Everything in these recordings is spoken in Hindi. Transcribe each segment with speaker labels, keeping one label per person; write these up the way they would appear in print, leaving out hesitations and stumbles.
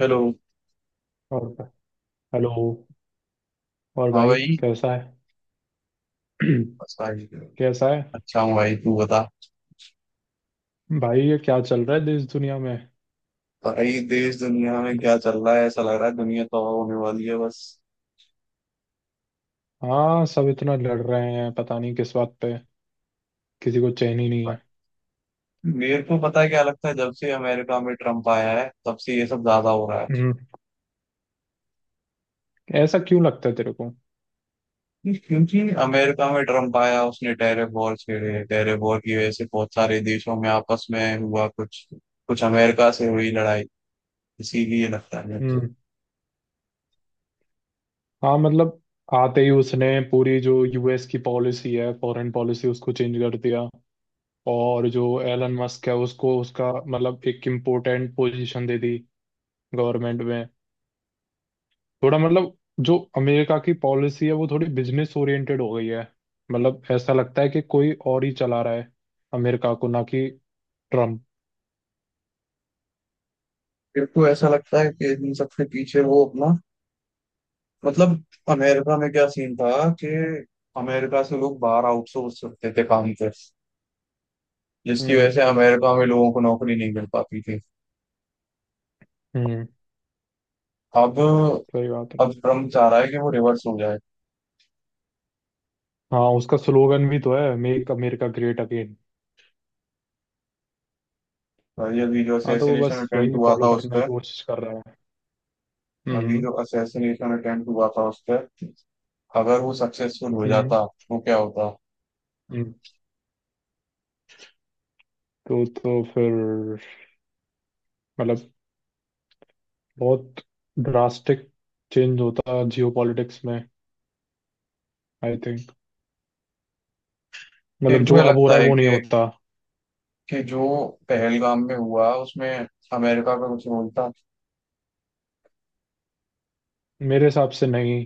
Speaker 1: हेलो।
Speaker 2: और। हेलो। और
Speaker 1: हाँ
Speaker 2: भाई,
Speaker 1: भाई।
Speaker 2: कैसा है?
Speaker 1: बस भाई।
Speaker 2: कैसा है?
Speaker 1: अच्छा हूँ भाई, तू बता।
Speaker 2: भाई, ये क्या चल रहा है देश दुनिया में?
Speaker 1: भाई, देश दुनिया में क्या चल रहा है? ऐसा लग रहा है दुनिया तो होने वाली है बस।
Speaker 2: हाँ, सब इतना लड़ रहे हैं, पता नहीं किस बात पे। किसी को चैन ही नहीं है।
Speaker 1: मेरे को पता है क्या लगता है, जब से अमेरिका में ट्रम्प आया है तब से ये सब ज्यादा हो रहा है।
Speaker 2: हम्म। ऐसा क्यों लगता है तेरे को?
Speaker 1: क्योंकि अमेरिका में ट्रम्प आया, उसने टैरिफ वॉर छेड़े। टैरिफ वॉर की वजह से बहुत सारे देशों में आपस में हुआ, कुछ कुछ अमेरिका से हुई लड़ाई। इसीलिए लगता है मेरे को
Speaker 2: हम्म। हाँ मतलब, आते ही उसने पूरी जो यूएस की पॉलिसी है, फॉरेन पॉलिसी, उसको चेंज कर दिया। और जो एलन मस्क है, उसको उसका मतलब एक इम्पोर्टेंट पोजीशन दे दी गवर्नमेंट में। थोड़ा मतलब, जो अमेरिका की पॉलिसी है वो थोड़ी बिजनेस ओरिएंटेड हो गई है। मतलब ऐसा लगता है कि कोई और ही चला रहा है अमेरिका को, ना कि ट्रम्प।
Speaker 1: मेरे को ऐसा लगता है कि इन सबसे पीछे वो अपना, मतलब, अमेरिका में क्या सीन था कि अमेरिका से लोग बाहर आउटसोर्स करते थे काम पे, जिसकी
Speaker 2: हम्म।
Speaker 1: वजह से अमेरिका में लोगों को नौकरी नहीं मिल पाती थी।
Speaker 2: हम्म।
Speaker 1: अब
Speaker 2: सही बात है।
Speaker 1: अब ट्रम्प चाह रहा है कि वो रिवर्स हो जाए।
Speaker 2: हाँ, उसका स्लोगन भी तो है, मेक अमेरिका ग्रेट अगेन।
Speaker 1: और ये, अभी जो
Speaker 2: हाँ, तो वो
Speaker 1: असैसिनेशन
Speaker 2: बस
Speaker 1: अटेम्प्ट
Speaker 2: वही
Speaker 1: हुआ था
Speaker 2: फॉलो
Speaker 1: उस
Speaker 2: करने की
Speaker 1: पर।
Speaker 2: कोशिश कर रहा है।
Speaker 1: अभी
Speaker 2: हम्म।
Speaker 1: जो असैसिनेशन अटेम्प्ट हुआ था उस पर अगर वो सक्सेसफुल हो
Speaker 2: हम्म।
Speaker 1: जाता तो क्या होता?
Speaker 2: हम्म। तो फिर मतलब, बहुत ड्रास्टिक चेंज होता जियो पॉलिटिक्स में, आई थिंक। मतलब
Speaker 1: फिर
Speaker 2: जो
Speaker 1: मुझे
Speaker 2: अब हो
Speaker 1: लगता
Speaker 2: रहा है
Speaker 1: है
Speaker 2: वो नहीं
Speaker 1: कि
Speaker 2: होता।
Speaker 1: जो पहलगाम में हुआ उसमें अमेरिका का कुछ रोल था।
Speaker 2: मेरे हिसाब से नहीं,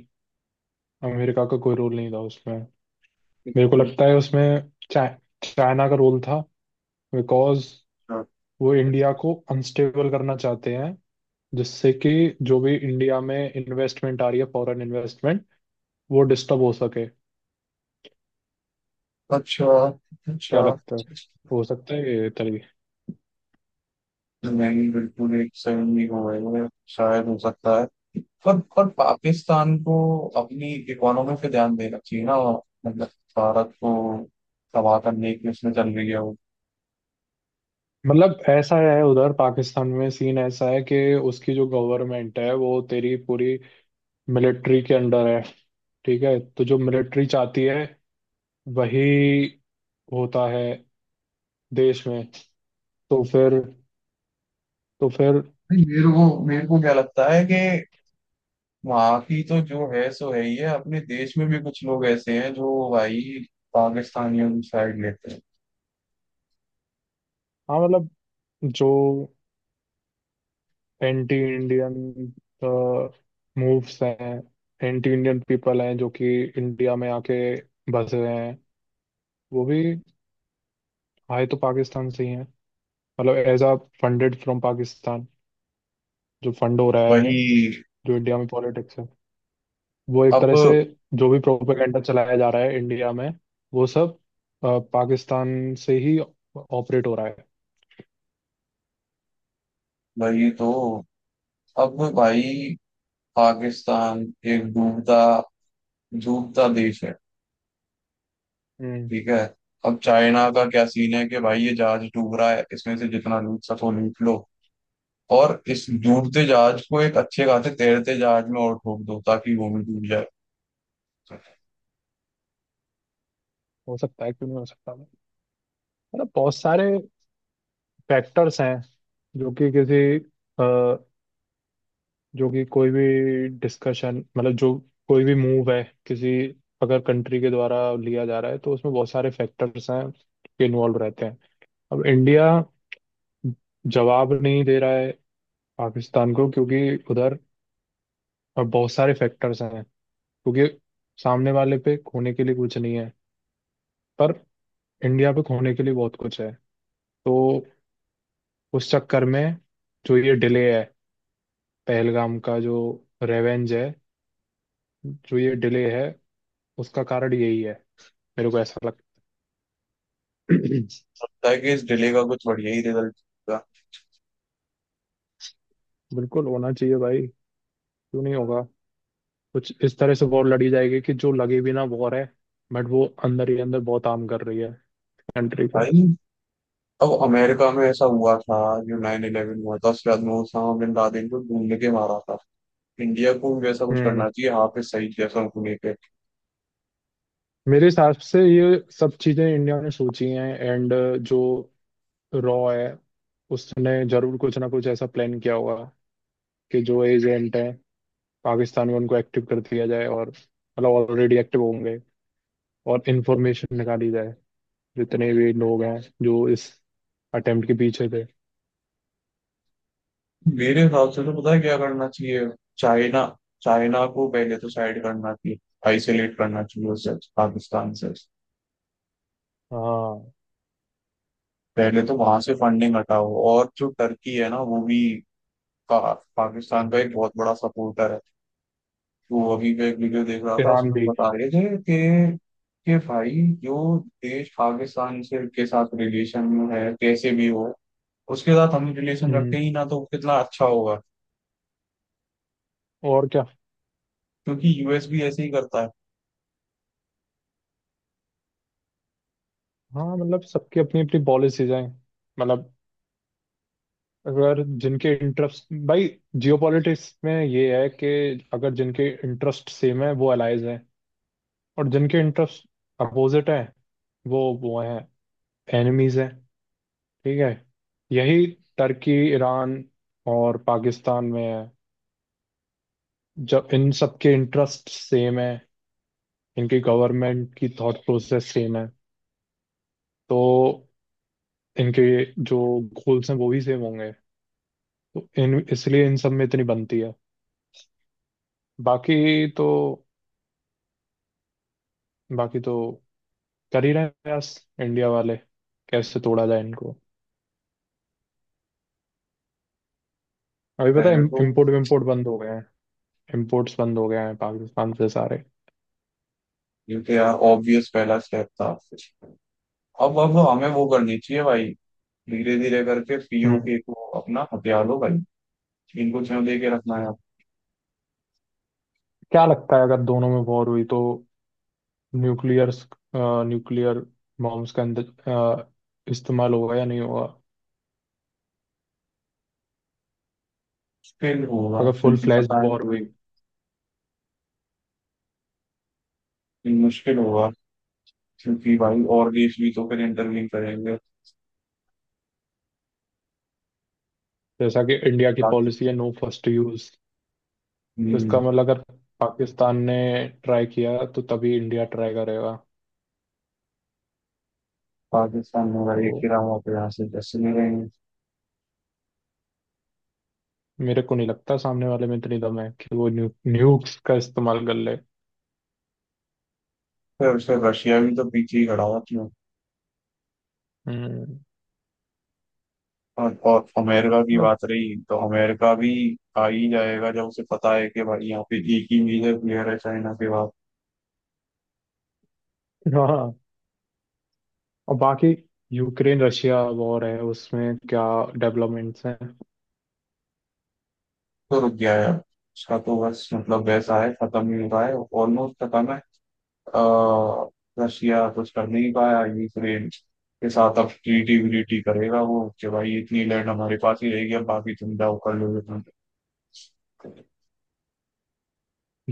Speaker 2: अमेरिका का कोई रोल नहीं था उसमें। मेरे को लगता है उसमें चाइना का रोल था। बिकॉज वो इंडिया को अनस्टेबल करना चाहते हैं, जिससे कि जो भी इंडिया में इन्वेस्टमेंट आ रही है, फॉरेन इन्वेस्टमेंट, वो डिस्टर्ब हो सके।
Speaker 1: अच्छा। अच्छा।
Speaker 2: क्या लगता है? हो सकता है ये तरीके।
Speaker 1: नहीं, बिल्कुल एक सेवन नहीं हो गई है, शायद हो सकता है। पर पाकिस्तान को अपनी इकोनॉमी पे ध्यान देना चाहिए ना, मतलब भारत को तबाह करने की उसमें चल रही है वो।
Speaker 2: मतलब ऐसा है, उधर पाकिस्तान में सीन ऐसा है कि उसकी जो गवर्नमेंट है वो तेरी पूरी मिलिट्री के अंडर है। ठीक है, तो जो मिलिट्री चाहती है वही होता है देश में। तो फिर, तो फिर
Speaker 1: नहीं, मेरे को क्या लगता है कि वहाँ की तो जो है सो है ही है, अपने देश में भी कुछ लोग ऐसे हैं जो भाई पाकिस्तानियों की साइड लेते हैं।
Speaker 2: हाँ मतलब, जो एंटी इंडियन मूव्स हैं, एंटी इंडियन पीपल हैं जो कि इंडिया में आके बसे हैं, वो भी आए तो पाकिस्तान से ही हैं। मतलब as a funded from Pakistan, जो फंड हो रहा है,
Speaker 1: वही।
Speaker 2: जो इंडिया में पॉलिटिक्स है वो एक तरह से
Speaker 1: अब
Speaker 2: जो भी प्रोपेगेंडा चलाया जा रहा है इंडिया में, वो सब पाकिस्तान से ही ऑपरेट हो रहा है।
Speaker 1: वही तो। अब भाई, पाकिस्तान एक डूबता डूबता देश है।
Speaker 2: हम्म।
Speaker 1: ठीक है। अब चाइना का क्या सीन है कि भाई, ये जहाज डूब रहा है, इसमें से जितना लूट सको लूट लो। और इस डूबते जहाज को एक अच्छे खासे तैरते जहाज में और ठोक दो ताकि वो भी डूब जाए।
Speaker 2: हो सकता है, क्यों नहीं हो सकता। मतलब बहुत सारे फैक्टर्स हैं, जो कि किसी अ, जो कि कोई भी डिस्कशन, मतलब जो कोई भी मूव है किसी, अगर कंट्री के द्वारा लिया जा रहा है, तो उसमें बहुत सारे फैक्टर्स हैं के इन्वॉल्व रहते हैं। अब इंडिया जवाब नहीं दे रहा है पाकिस्तान को, क्योंकि उधर बहुत सारे फैक्टर्स हैं। क्योंकि सामने वाले पे खोने के लिए कुछ नहीं है, पर इंडिया पे खोने के लिए बहुत कुछ है। तो उस चक्कर में जो ये डिले है, पहलगाम का जो रेवेंज है, जो ये डिले है, उसका कारण यही है, मेरे को ऐसा लगता है।
Speaker 1: ताकि इस डिले का कुछ बढ़िया ही रिजल्ट होगा।
Speaker 2: बिल्कुल होना चाहिए भाई, क्यों नहीं होगा। कुछ इस तरह से वॉर लड़ी जाएगी कि जो लगे भी ना वॉर है, बट वो अंदर ही अंदर बहुत हार्म कर रही है कंट्री को।
Speaker 1: भाई, अब अमेरिका में ऐसा हुआ था, जो 9/11 हुआ था उसके बाद में उसामा बिन लादेन को ढूंढ के मारा था। इंडिया को भी वैसा कुछ
Speaker 2: हम्म।
Speaker 1: करना चाहिए, हाफिज सईद जैसा उनको लेके।
Speaker 2: मेरे हिसाब से ये सब चीजें इंडिया ने सोची हैं, एंड जो रॉ है उसने जरूर कुछ ना कुछ ऐसा प्लान किया होगा कि जो एजेंट हैं पाकिस्तान में उनको एक्टिव कर दिया जाए, और मतलब ऑलरेडी एक्टिव होंगे, और इंफॉर्मेशन निकाली जाए जितने भी लोग हैं जो इस अटेम्प्ट के पीछे थे।
Speaker 1: मेरे हिसाब से तो पता है क्या करना चाहिए। चाइना चाइना को पहले तो साइड करना चाहिए, आइसोलेट करना चाहिए उसे पाकिस्तान से।
Speaker 2: हाँ,
Speaker 1: पहले तो वहां से फंडिंग हटाओ, और जो टर्की है ना, वो भी पाकिस्तान का एक बहुत बड़ा सपोर्टर है। तो अभी मैं एक वीडियो देख रहा था,
Speaker 2: ईरान
Speaker 1: उसमें
Speaker 2: भी।
Speaker 1: बता रहे थे कि भाई, जो देश पाकिस्तान से के साथ रिलेशन में है कैसे भी हो, उसके साथ हम रिलेशन रखते
Speaker 2: हम्म।
Speaker 1: ही ना तो कितना अच्छा होगा।
Speaker 2: और क्या।
Speaker 1: क्योंकि यूएस भी ऐसे ही करता है।
Speaker 2: हाँ मतलब, सबकी अपनी अपनी पॉलिसीज हैं। मतलब, अगर जिनके इंटरेस्ट, भाई जियोपॉलिटिक्स में ये है कि अगर जिनके इंटरेस्ट सेम है वो अलाइज हैं, और जिनके इंटरेस्ट अपोजिट हैं वो हैं, एनिमीज हैं। ठीक है। यही टर्की, ईरान और पाकिस्तान में है। जब इन सबके इंटरेस्ट सेम है, इनके गवर्नमेंट की थॉट प्रोसेस सेम है, तो इनके जो गोल्स हैं वो भी सेम होंगे। तो इन इसलिए इन सब में इतनी बनती है। बाकी तो, बाकी तो कर ही रहे हैं प्रयास इंडिया वाले, कैसे तोड़ा जाए इनको। अभी पता है,
Speaker 1: पहले तो
Speaker 2: इम्पोर्ट विम्पोर्ट बंद हो गए हैं, इम्पोर्ट्स बंद हो गए हैं पाकिस्तान से सारे।
Speaker 1: क्योंकि यार, ऑब्वियस पहला स्टेप था। अब हमें वो करनी चाहिए भाई। धीरे धीरे करके
Speaker 2: हम्म।
Speaker 1: पीओके को अपना हथियार लो भाई, इनको क्यों दे के रखना है?
Speaker 2: क्या लगता है, अगर दोनों में वॉर हुई तो न्यूक्लियर, न्यूक्लियर बॉम्ब्स का इस्तेमाल होगा या नहीं होगा?
Speaker 1: मुश्किल होगा,
Speaker 2: अगर फुल
Speaker 1: क्योंकि
Speaker 2: फ्लैश
Speaker 1: पता है
Speaker 2: वॉर हुई,
Speaker 1: कि मुश्किल होगा, क्योंकि भाई और देश भी तो फिर इंटरव्यू करेंगे।
Speaker 2: जैसा कि इंडिया की पॉलिसी
Speaker 1: पाकिस्तान
Speaker 2: है नो फर्स्ट यूज, तो इसका
Speaker 1: हम्म,
Speaker 2: मतलब अगर पाकिस्तान ने ट्राई किया तो तभी इंडिया ट्राई करेगा।
Speaker 1: पाकिस्तान में
Speaker 2: तो
Speaker 1: भाई एक खिलाफ वहाँ पे यहाँ से जैसे नहीं रहेंगे।
Speaker 2: मेरे को नहीं लगता सामने वाले में इतनी दम है कि वो न्यूक्स का इस्तेमाल कर ले।
Speaker 1: फिर उससे रशिया भी तो पीछे ही खड़ा हुआ क्यों।
Speaker 2: हम्म।
Speaker 1: और अमेरिका की
Speaker 2: मतलब
Speaker 1: बात रही तो अमेरिका भी आ ही जाएगा, जब उसे पता है कि भाई यहाँ पे एक ही मेजर प्लेयर है चाइना के बाद।
Speaker 2: हाँ। और बाकी यूक्रेन रशिया वॉर है, उसमें क्या डेवलपमेंट्स हैं?
Speaker 1: तो रुक गया यार, उसका तो बस मतलब वैसा है, खत्म ही हो रहा है। ऑलमोस्ट खत्म है। अह, रशिया कुछ कर नहीं पाया यूक्रेन के साथ। अब ट्रीटी व्रीटी करेगा वो कि भाई इतनी लैंड हमारे पास ही रहेगी, अब बाकी तुम जाओ कर लो जो तुम करते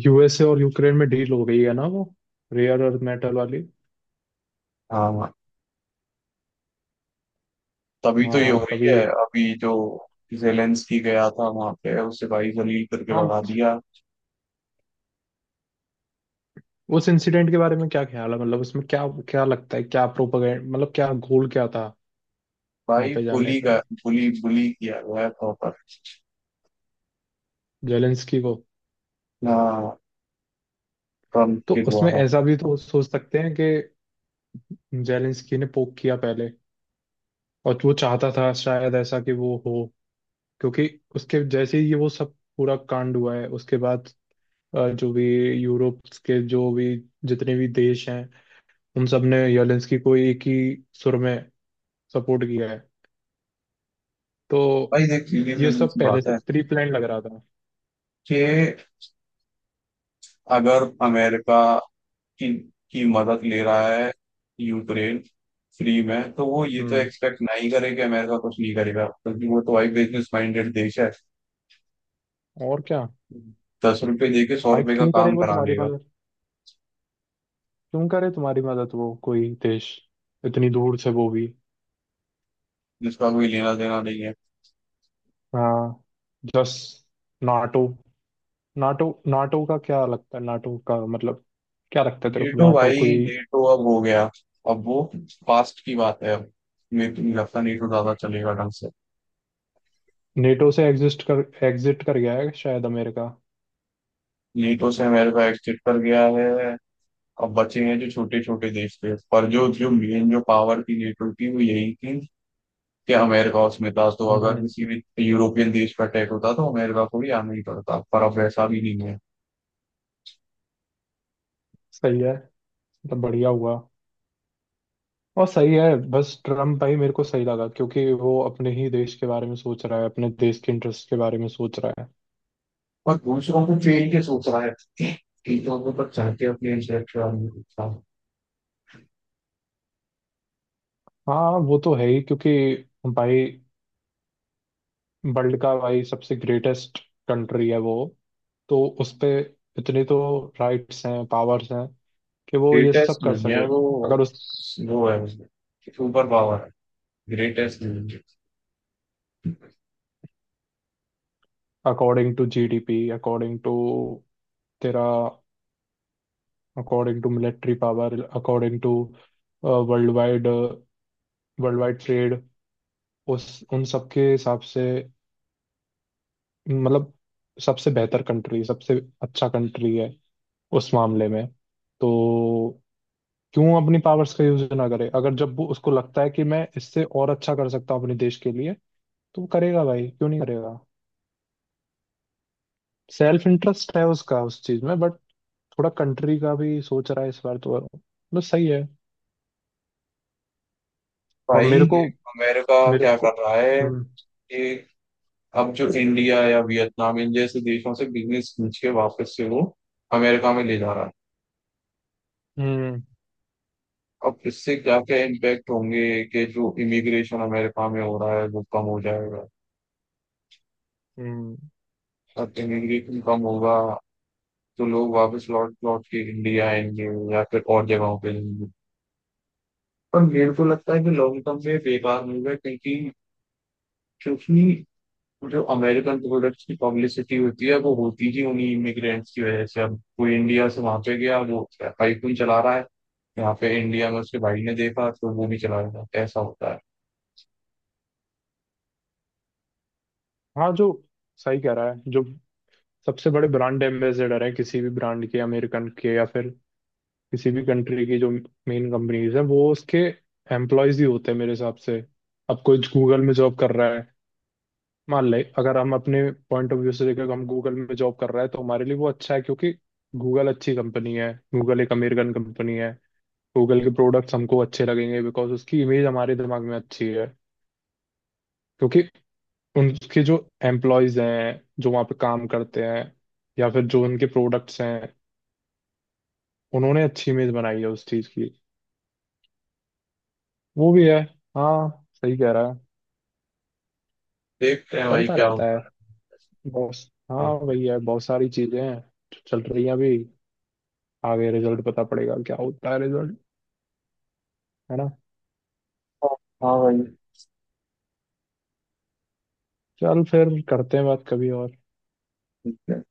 Speaker 2: यूएसए और यूक्रेन में डील हो गई है ना, वो रेयर अर्थ मेटल वाली।
Speaker 1: हो। हाँ, तभी तो
Speaker 2: हाँ,
Speaker 1: ये
Speaker 2: हाँ
Speaker 1: हो रही
Speaker 2: तभी।
Speaker 1: है अभी, जो जेलेंस्की गया था वहां पे उसे भाई जलील करके
Speaker 2: हाँ।
Speaker 1: लगा दिया।
Speaker 2: उस इंसिडेंट के बारे में क्या ख्याल है? मतलब उसमें क्या, क्या लगता है, क्या प्रोपेगेंड, मतलब क्या गोल क्या था वहां
Speaker 1: भाई,
Speaker 2: पे जाने
Speaker 1: फुली
Speaker 2: का,
Speaker 1: का फुली बुली किया गया है प्रॉपर।
Speaker 2: जेलेंस्की को?
Speaker 1: हाँ, ट्रम्प
Speaker 2: तो
Speaker 1: के
Speaker 2: उसमें
Speaker 1: द्वारा।
Speaker 2: ऐसा भी तो सोच सकते हैं कि जेलेंस्की ने पोक किया पहले, और वो चाहता था शायद ऐसा कि वो हो, क्योंकि उसके जैसे ही ये वो सब पूरा कांड हुआ है उसके बाद जो भी यूरोप के जो भी जितने भी देश हैं, उन सब ने जेलेंस्की को एक ही सुर में सपोर्ट किया है। तो
Speaker 1: भाई देख, सीधी
Speaker 2: ये सब
Speaker 1: सी
Speaker 2: पहले
Speaker 1: बात
Speaker 2: से
Speaker 1: है
Speaker 2: प्री प्लान लग रहा था।
Speaker 1: कि अगर अमेरिका की की मदद ले रहा है यूक्रेन फ्री में, तो वो ये तो
Speaker 2: हम्म।
Speaker 1: एक्सपेक्ट नहीं करे कि अमेरिका कुछ नहीं करेगा, क्योंकि वो तो एक बिजनेस माइंडेड देश है।
Speaker 2: और क्या।
Speaker 1: दस रुपए दे के सौ
Speaker 2: भाई
Speaker 1: रुपए का
Speaker 2: क्यों करे
Speaker 1: काम
Speaker 2: वो
Speaker 1: करा
Speaker 2: तुम्हारी
Speaker 1: लेगा,
Speaker 2: मदद, क्यों करे तुम्हारी मदद वो, कोई देश इतनी दूर से, वो भी।
Speaker 1: जिसका कोई लेना देना नहीं है।
Speaker 2: हाँ। जस, नाटो नाटो नाटो का क्या लगता है? नाटो का मतलब, क्या लगता है तेरे को,
Speaker 1: नेटो,
Speaker 2: नाटो
Speaker 1: भाई
Speaker 2: कोई?
Speaker 1: नेटो अब हो गया। अब वो पास्ट की बात है। अब मेरे को नहीं लगता नेटो ज्यादा चलेगा ढंग से।
Speaker 2: नेटो से एग्जिस्ट कर एग्जिट कर गया है शायद अमेरिका।
Speaker 1: नेटो से अमेरिका एग्जिट कर गया है। अब बचे हैं जो छोटे छोटे देश थे, पर जो जो मेन जो पावर थी नेटो की वो यही थी कि अमेरिका उसमें था, तो अगर
Speaker 2: हम्म।
Speaker 1: किसी भी यूरोपियन देश पर अटैक होता तो अमेरिका को भी आना ही पड़ता, पर अब ऐसा भी नहीं है।
Speaker 2: सही है। मतलब बढ़िया हुआ। और सही है, बस ट्रम्प भाई मेरे को सही लगा, क्योंकि वो अपने ही देश के बारे में सोच रहा है, अपने देश के इंटरेस्ट के बारे में सोच रहा है।
Speaker 1: और दूसरों को फेल के सोच रहा है चीजों को, पर चाहते अपने इंटरेक्ट।
Speaker 2: हाँ वो तो है ही, क्योंकि भाई, वर्ल्ड का भाई सबसे ग्रेटेस्ट कंट्री है वो, तो उस पे इतनी तो राइट्स हैं, पावर्स हैं कि वो ये
Speaker 1: ग्रेटेस्ट
Speaker 2: सब कर
Speaker 1: नहीं है
Speaker 2: सके।
Speaker 1: वो।
Speaker 2: अगर उस,
Speaker 1: वो है उसमें सुपर पावर, है, ग्रेटेस्ट नहीं है।
Speaker 2: According to GDP, according to तेरा, according to military power, according to world wide, world wide trade, उस, उन सब के हिसाब से, मतलब सबसे बेहतर कंट्री, सबसे अच्छा कंट्री है उस मामले में। तो क्यों अपनी पावर्स का यूज ना करे, अगर जब वो उसको लगता है कि मैं इससे और अच्छा कर सकता हूँ अपने देश के लिए, तो वो करेगा भाई, क्यों नहीं करेगा। सेल्फ इंटरेस्ट है उसका उस चीज में, बट थोड़ा कंट्री का भी सोच रहा है इस बार, तो मतलब सही है। और
Speaker 1: भाई
Speaker 2: मेरे को
Speaker 1: देख, अमेरिका
Speaker 2: मेरे
Speaker 1: क्या
Speaker 2: को
Speaker 1: कर रहा है
Speaker 2: हम्म।
Speaker 1: कि अब जो इंडिया या वियतनाम इन जैसे देशों से बिजनेस खींच के वापस से वो अमेरिका में ले जा रहा है।
Speaker 2: हम्म।
Speaker 1: अब इससे क्या क्या इम्पैक्ट होंगे कि जो इमिग्रेशन अमेरिका में हो रहा है वो कम हो जाएगा।
Speaker 2: हम्म।
Speaker 1: अब इमिग्रेशन कम होगा तो लोग वापस लौट लौट के इंडिया आएंगे, या फिर और जगहों पे जाएंगे। पर मेरे को लगता है कि लॉन्ग टर्म में बेकार होगा, क्योंकि क्योंकि जो अमेरिकन प्रोडक्ट्स की पब्लिसिटी होती है वो होती ही उन्हीं इमिग्रेंट्स की वजह से। अब कोई इंडिया से वहां पे गया, वो आईफोन चला रहा है। यहाँ पे इंडिया में उसके भाई ने देखा तो वो भी चला गया। ऐसा होता है।
Speaker 2: हाँ जो, सही कह रहा है, जो सबसे बड़े ब्रांड एम्बेसडर है किसी भी ब्रांड के अमेरिकन के या फिर किसी भी कंट्री की, जो मेन कंपनीज है वो उसके एम्प्लॉयज ही होते हैं मेरे हिसाब से। अब कोई गूगल में जॉब कर रहा है, मान ले अगर हम अपने पॉइंट ऑफ व्यू से देखें, हम गूगल में जॉब कर रहे हैं तो हमारे लिए वो अच्छा है, क्योंकि गूगल अच्छी कंपनी है, गूगल एक अमेरिकन कंपनी है। गूगल के प्रोडक्ट्स हमको अच्छे लगेंगे बिकॉज उसकी इमेज हमारे दिमाग में अच्छी है, क्योंकि उनके जो एम्प्लॉयज हैं जो वहाँ पे काम करते हैं, या फिर जो उनके प्रोडक्ट्स हैं, उन्होंने अच्छी इमेज बनाई है उस चीज़ की। वो भी है। हाँ, सही कह रहा है।
Speaker 1: देखते हैं भाई
Speaker 2: चलता
Speaker 1: क्या
Speaker 2: रहता है
Speaker 1: होता
Speaker 2: बहुत। हाँ,
Speaker 1: है।
Speaker 2: वही है, बहुत सारी चीज़ें हैं जो चल रही हैं अभी। आगे रिजल्ट पता पड़ेगा, क्या होता है रिजल्ट, है ना?
Speaker 1: हाँ। हाँ भाई।
Speaker 2: चल, फिर करते हैं बात कभी और।
Speaker 1: ठीक है।